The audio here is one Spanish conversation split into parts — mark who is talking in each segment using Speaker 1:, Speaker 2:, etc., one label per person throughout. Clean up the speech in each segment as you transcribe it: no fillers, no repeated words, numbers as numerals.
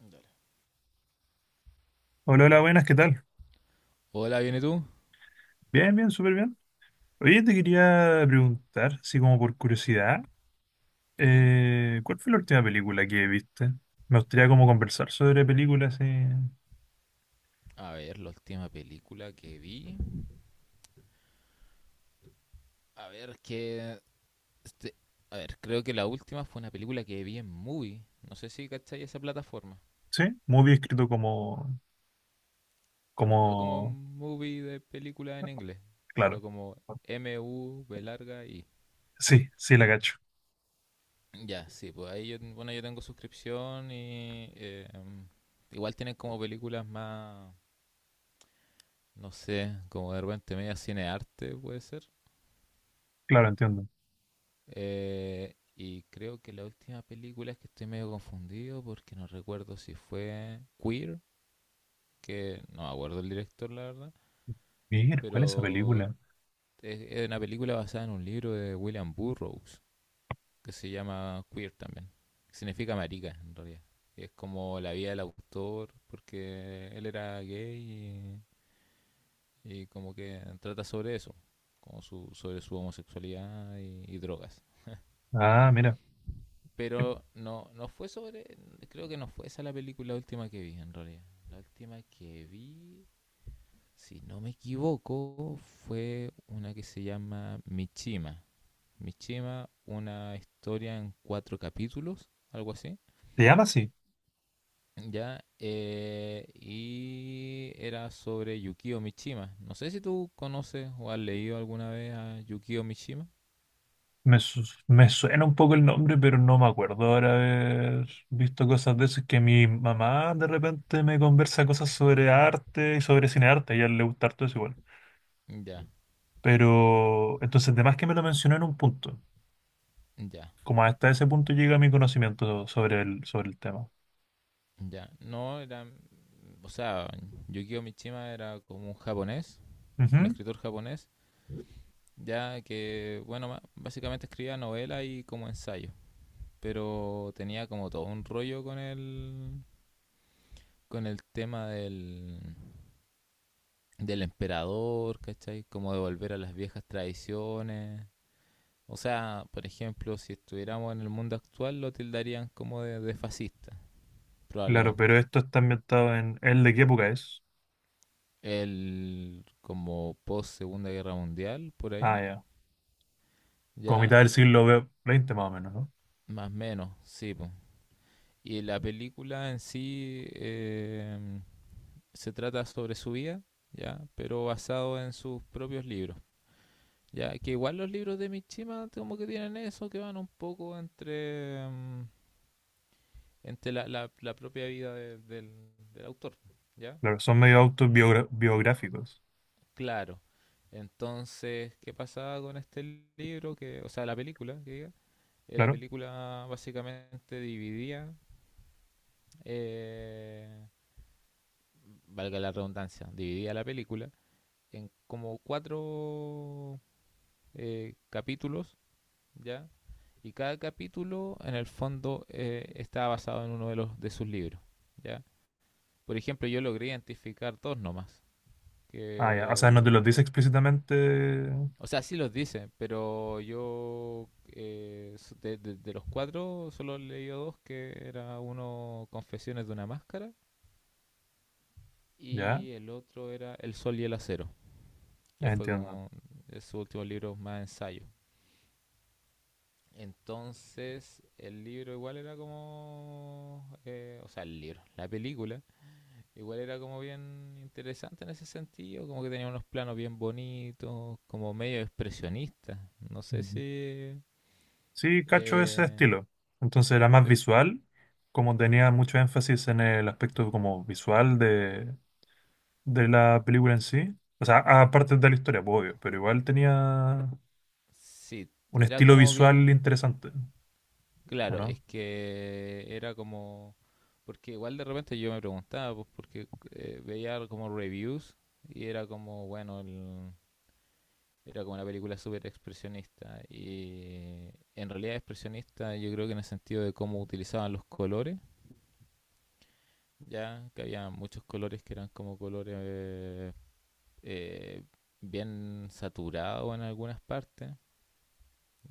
Speaker 1: Dale.
Speaker 2: Hola, hola, buenas, ¿qué tal?
Speaker 1: Hola, ¿viene tú?
Speaker 2: Bien, bien, súper bien. Oye, te quería preguntar, así como por curiosidad,
Speaker 1: Ujú.
Speaker 2: ¿cuál fue la última película que viste? Me gustaría como conversar sobre películas,
Speaker 1: A ver, la última película que vi. A ver, que. este, a ver, creo que la última fue una película que vi en Movie. No sé si cachai esa plataforma.
Speaker 2: ¿sí? Muy bien escrito como,
Speaker 1: No como
Speaker 2: como,
Speaker 1: Movie de película en inglés, sino
Speaker 2: claro,
Speaker 1: como MUBI.
Speaker 2: sí, sí, la cacho.
Speaker 1: Ya, sí, pues ahí yo, bueno, yo tengo suscripción y. Igual tienen como películas más. No sé, como de repente media cinearte, puede ser.
Speaker 2: Claro, entiendo.
Speaker 1: Y creo que la última película es que estoy medio confundido porque no recuerdo si fue Queer, que no me acuerdo el director, la verdad,
Speaker 2: Mira, ¿cuál es esa
Speaker 1: pero
Speaker 2: película?
Speaker 1: es una película basada en un libro de William Burroughs que se llama Queer también. Que significa marica en realidad. Y es como la vida del autor porque él era gay y como que trata sobre eso, sobre su homosexualidad y drogas.
Speaker 2: Ah, mira,
Speaker 1: Pero no, no fue sobre. Creo que no fue esa la película última que vi, en realidad. La última que vi, si no me equivoco, fue una que se llama Michima. Michima, una historia en cuatro capítulos, algo así.
Speaker 2: ¿te llama así?
Speaker 1: Ya, y era sobre Yukio Mishima. No sé si tú conoces o has leído alguna vez a Yukio Mishima.
Speaker 2: Me suena un poco el nombre, pero no me acuerdo ahora haber visto cosas de eso. Es que mi mamá de repente me conversa cosas sobre arte y sobre cine arte, a ella le gusta harto eso igual.
Speaker 1: Ya,
Speaker 2: Pero entonces, además que me lo mencionó en un punto,
Speaker 1: ya,
Speaker 2: como hasta ese punto llega mi conocimiento sobre el tema.
Speaker 1: ya. No, era O sea, Yukio Mishima era como un japonés, un
Speaker 2: Ujú.
Speaker 1: escritor japonés, ya que, bueno, básicamente escribía novelas y como ensayo, pero tenía como todo un rollo con el tema del emperador, ¿cachai? Como de volver a las viejas tradiciones. O sea, por ejemplo, si estuviéramos en el mundo actual, lo tildarían como de fascista,
Speaker 2: Claro, pero
Speaker 1: probablemente.
Speaker 2: esto está ambientado en, ¿el de qué época es?
Speaker 1: El como post Segunda Guerra Mundial, por
Speaker 2: Ah,
Speaker 1: ahí.
Speaker 2: ya. Como
Speaker 1: Ya.
Speaker 2: mitad del siglo XX más o menos, ¿no?
Speaker 1: Más o menos, sí, po. Y la película en sí, se trata sobre su vida, ¿ya? Pero basado en sus propios libros, ¿ya? Que igual los libros de Mishima como que tienen eso, que van un poco entre la propia vida del autor, ¿ya?
Speaker 2: Claro, son medio autobiográficos,
Speaker 1: Claro. Entonces, ¿qué pasaba con este libro? Que, o sea, la película, que diga. La
Speaker 2: claro.
Speaker 1: película básicamente dividía eh, valga la redundancia, dividida la película en como cuatro capítulos, ¿ya? Y cada capítulo, en el fondo, está basado en uno de sus libros, ¿ya? Por ejemplo, yo logré identificar dos nomás,
Speaker 2: Ah, ya. O sea, no te
Speaker 1: que...
Speaker 2: los dice explícitamente.
Speaker 1: O sea, sí los dice, pero yo de los cuatro solo leí dos, que era uno Confesiones de una máscara
Speaker 2: Ya,
Speaker 1: y el otro era El Sol y el Acero. Que fue
Speaker 2: entiendo.
Speaker 1: como su último libro más ensayo. Entonces, el libro igual era como, o sea, el libro, la película, igual era como bien interesante en ese sentido, como que tenía unos planos bien bonitos, como medio expresionista. No sé
Speaker 2: Ujú.
Speaker 1: si.
Speaker 2: Sí, cacho ese
Speaker 1: eh,
Speaker 2: estilo. Entonces era más
Speaker 1: pe-
Speaker 2: visual, como tenía mucho énfasis en el aspecto como visual de la película en sí. O sea, aparte de la historia, pues, obvio, pero igual tenía
Speaker 1: sí,
Speaker 2: un
Speaker 1: era
Speaker 2: estilo
Speaker 1: como
Speaker 2: visual
Speaker 1: bien.
Speaker 2: interesante, ¿o
Speaker 1: Claro, es
Speaker 2: no?
Speaker 1: que era como. Porque igual de repente yo me preguntaba, pues porque veía como reviews y era como, bueno, el Era como una película súper expresionista. Y en realidad expresionista yo creo que en el sentido de cómo utilizaban los colores, ya que había muchos colores que eran como colores eh, bien saturados en algunas partes,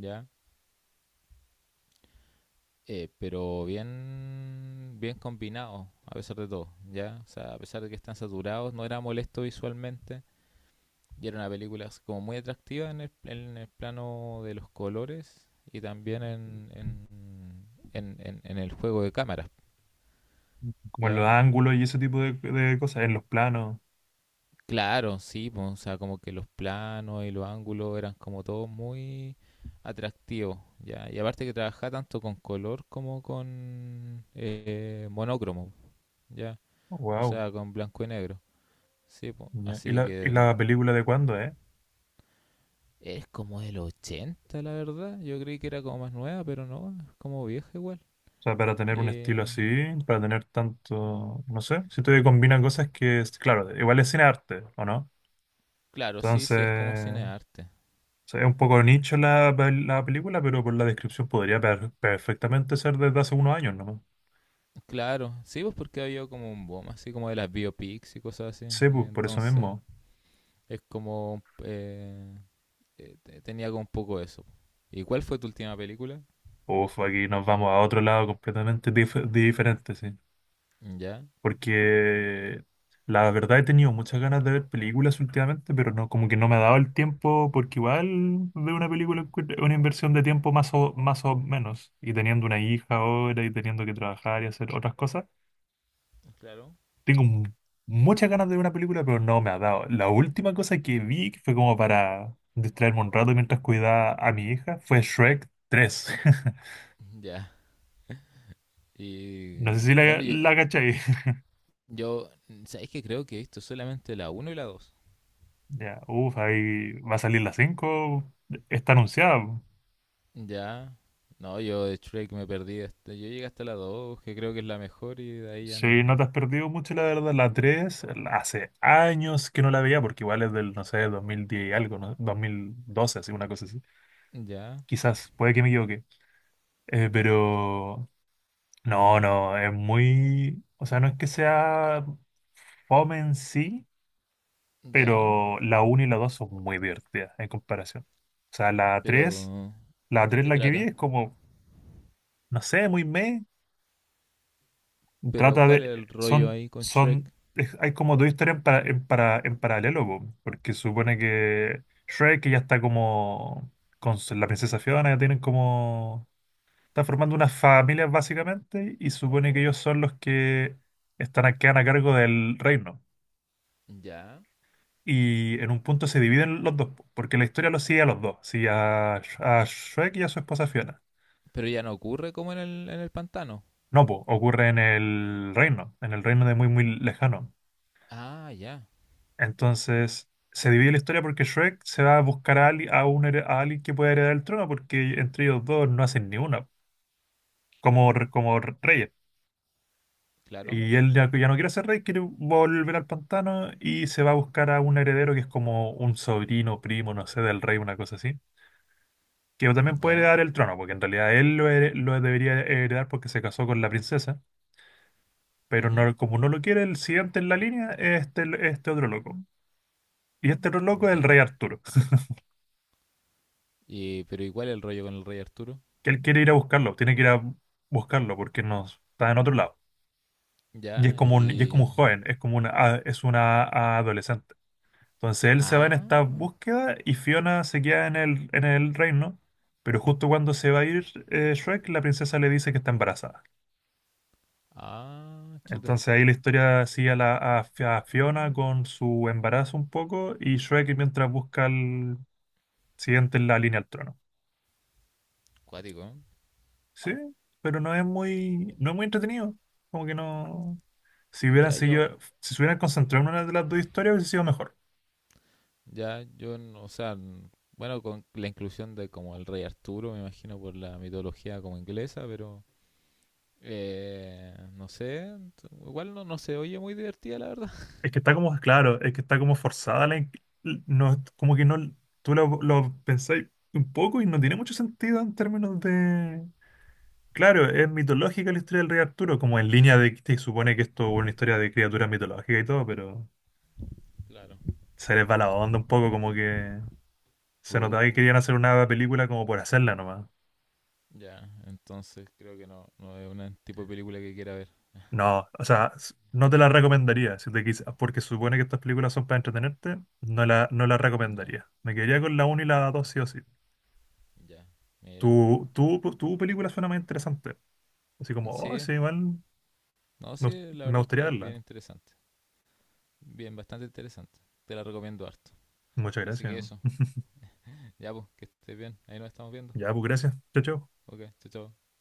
Speaker 1: ya, pero bien, bien combinados a pesar de todo, ya. O sea, a pesar de que están saturados, no era molesto visualmente. Y era una película así como muy atractiva en el plano de los colores y también en el juego de cámaras.
Speaker 2: Como en los
Speaker 1: Ya,
Speaker 2: ángulos y ese tipo de cosas, en los planos.
Speaker 1: claro, sí, pues, o sea, como que los planos y los ángulos eran como todos muy atractivos. Ya, y aparte que trabajaba tanto con color como con monócromo, ya, o
Speaker 2: Wow.
Speaker 1: sea, con blanco y negro. Sí, pues,
Speaker 2: ¿Y
Speaker 1: así
Speaker 2: la, y
Speaker 1: que
Speaker 2: la película de cuándo?
Speaker 1: es como del 80 la verdad. Yo creí que era como más nueva, pero no, es como vieja, igual.
Speaker 2: O sea, para tener un estilo
Speaker 1: Eh,
Speaker 2: así, para tener tanto, no sé, siento que combina cosas que, claro, igual es cine arte, ¿o no?
Speaker 1: claro, sí,
Speaker 2: Entonces,
Speaker 1: sí, es como cine
Speaker 2: o
Speaker 1: arte.
Speaker 2: sea, es un poco nicho la película, pero por la descripción podría perfectamente ser desde hace unos años nomás.
Speaker 1: Claro, sí, pues porque había como un boom, así como de las biopics y cosas así.
Speaker 2: Sí, pues por eso
Speaker 1: Entonces,
Speaker 2: mismo.
Speaker 1: es como... tenía como un poco eso. ¿Y cuál fue tu última película?
Speaker 2: Uf, aquí nos vamos a otro lado completamente diferente, sí.
Speaker 1: Ya.
Speaker 2: Porque la verdad he tenido muchas ganas de ver películas últimamente, pero no, como que no me ha dado el tiempo, porque igual ver una película es una inversión de tiempo más o menos. Y teniendo una hija ahora y teniendo que trabajar y hacer otras cosas.
Speaker 1: Claro.
Speaker 2: Tengo muchas ganas de ver una película, pero no me ha dado. La última cosa que vi, que fue como para distraerme un rato mientras cuidaba a mi hija, fue Shrek 3.
Speaker 1: Ya. Y
Speaker 2: No sé si la,
Speaker 1: bueno, yo,
Speaker 2: la cachai.
Speaker 1: yo ¿sabéis que creo que he visto solamente la uno y la dos?
Speaker 2: Ya, uff, ahí va a salir la 5. Está anunciada.
Speaker 1: Ya. No, yo de Shrek me perdí. Hasta, yo llegué hasta la 2 que creo que es la mejor, y de ahí ya
Speaker 2: Sí, no
Speaker 1: no.
Speaker 2: te has perdido mucho, la verdad. La 3, hace años que no la veía, porque igual es del, no sé, 2010 y algo, ¿no? 2012, así, una cosa así.
Speaker 1: Ya.
Speaker 2: Quizás, puede que me equivoque. Pero no, no, es muy, o sea, no es que sea fome en sí,
Speaker 1: Ya.
Speaker 2: pero la uno y la 2 son muy divertidas en comparación. O sea, la tres,
Speaker 1: Pero,
Speaker 2: la
Speaker 1: ¿de
Speaker 2: tres
Speaker 1: qué
Speaker 2: la que vi
Speaker 1: trata?
Speaker 2: es como, no sé, muy meh,
Speaker 1: Pero,
Speaker 2: trata
Speaker 1: ¿cuál es
Speaker 2: de,
Speaker 1: el rollo
Speaker 2: son,
Speaker 1: ahí con Shrek?
Speaker 2: son, es- hay como dos historias en paralelo, po, porque supone que Shrek que ya está como, con la princesa Fiona, ya tienen como, está formando unas familias básicamente, y supone que ellos son los que quedan a cargo del reino.
Speaker 1: Ya.
Speaker 2: Y en un punto se dividen los dos, po, porque la historia los sigue a los dos, sigue a Shrek y a su esposa Fiona.
Speaker 1: Pero ya no ocurre como en el pantano.
Speaker 2: No, pues ocurre en el reino de muy, muy lejano.
Speaker 1: Ah, ya,
Speaker 2: Entonces, se divide la historia porque Shrek se va a buscar a, ali- a, un here- a alguien que pueda heredar el trono, porque entre ellos dos no hacen ni una, como reyes.
Speaker 1: claro.
Speaker 2: Y él ya no quiere ser rey, quiere volver al pantano y se va a buscar a un heredero que es como un sobrino, primo, no sé, del rey, una cosa así. Que también puede
Speaker 1: Ya.
Speaker 2: heredar el trono, porque en realidad él lo debería heredar porque se casó con la princesa, pero
Speaker 1: Ujú.
Speaker 2: no, como no lo quiere, el siguiente en la línea es este otro loco. Y este otro loco es el
Speaker 1: Ya.
Speaker 2: rey Arturo,
Speaker 1: Y, pero, ¿y cuál es el rollo con el rey Arturo?
Speaker 2: que él quiere ir a buscarlo, tiene que ir a buscarlo porque no está en otro lado. Y es
Speaker 1: Ya.
Speaker 2: como un
Speaker 1: Y...
Speaker 2: joven, es como una, a- es una a- adolescente. Entonces él se va en
Speaker 1: Ah,
Speaker 2: esta búsqueda y Fiona se queda en el reino, pero justo cuando se va a ir Shrek, la princesa le dice que está embarazada.
Speaker 1: ah, chuta.
Speaker 2: Entonces ahí la historia sigue a, la, a Fi- a Fiona con su embarazo un poco y Shrek mientras busca el siguiente en la línea al trono.
Speaker 1: Cuático, ¿eh?
Speaker 2: Sí, pero no es muy entretenido. Como que no. Si hubieran
Speaker 1: Ya yo,
Speaker 2: seguido, si se hubieran concentrado en una de las dos historias hubiese sido mejor.
Speaker 1: ya yo, no- o sea, bueno, con la inclusión de como el rey Arturo, me imagino por la mitología como inglesa, pero... No sé, igual no, no se oye muy divertida, la verdad.
Speaker 2: Es que está como, claro, es que está como forzada no, como que no, tú lo pensáis un poco y no tiene mucho sentido en términos de. Claro, es mitológica la historia del rey Arturo, como en línea de que se supone que esto es una historia de criaturas mitológicas y todo, pero
Speaker 1: Claro.
Speaker 2: se les va la
Speaker 1: Bueno.
Speaker 2: onda un poco, como que se notaba que
Speaker 1: Uh,
Speaker 2: querían hacer una película como por hacerla nomás.
Speaker 1: ya, entonces creo que no, no es un tipo de película que quiera ver.
Speaker 2: No, o sea, no te la recomendaría, si porque supone que estas películas son para entretenerte, no la
Speaker 1: Ya,
Speaker 2: recomendaría. Me quedaría con la 1 y la 2 sí o sí.
Speaker 1: ya, mira.
Speaker 2: Tu película suena más interesante. Así como, oh,
Speaker 1: Sí,
Speaker 2: sí, igual
Speaker 1: no,
Speaker 2: me, gust-
Speaker 1: sí, la
Speaker 2: me
Speaker 1: verdad es que
Speaker 2: gustaría
Speaker 1: la vi
Speaker 2: verla.
Speaker 1: bien interesante. Bien, bastante interesante. Te la recomiendo harto.
Speaker 2: Muchas
Speaker 1: Así
Speaker 2: gracias.
Speaker 1: que eso, ya pues, que estés bien. Ahí nos estamos viendo.
Speaker 2: Ya, pues gracias. Chao, chao.
Speaker 1: Ok, chao, chao.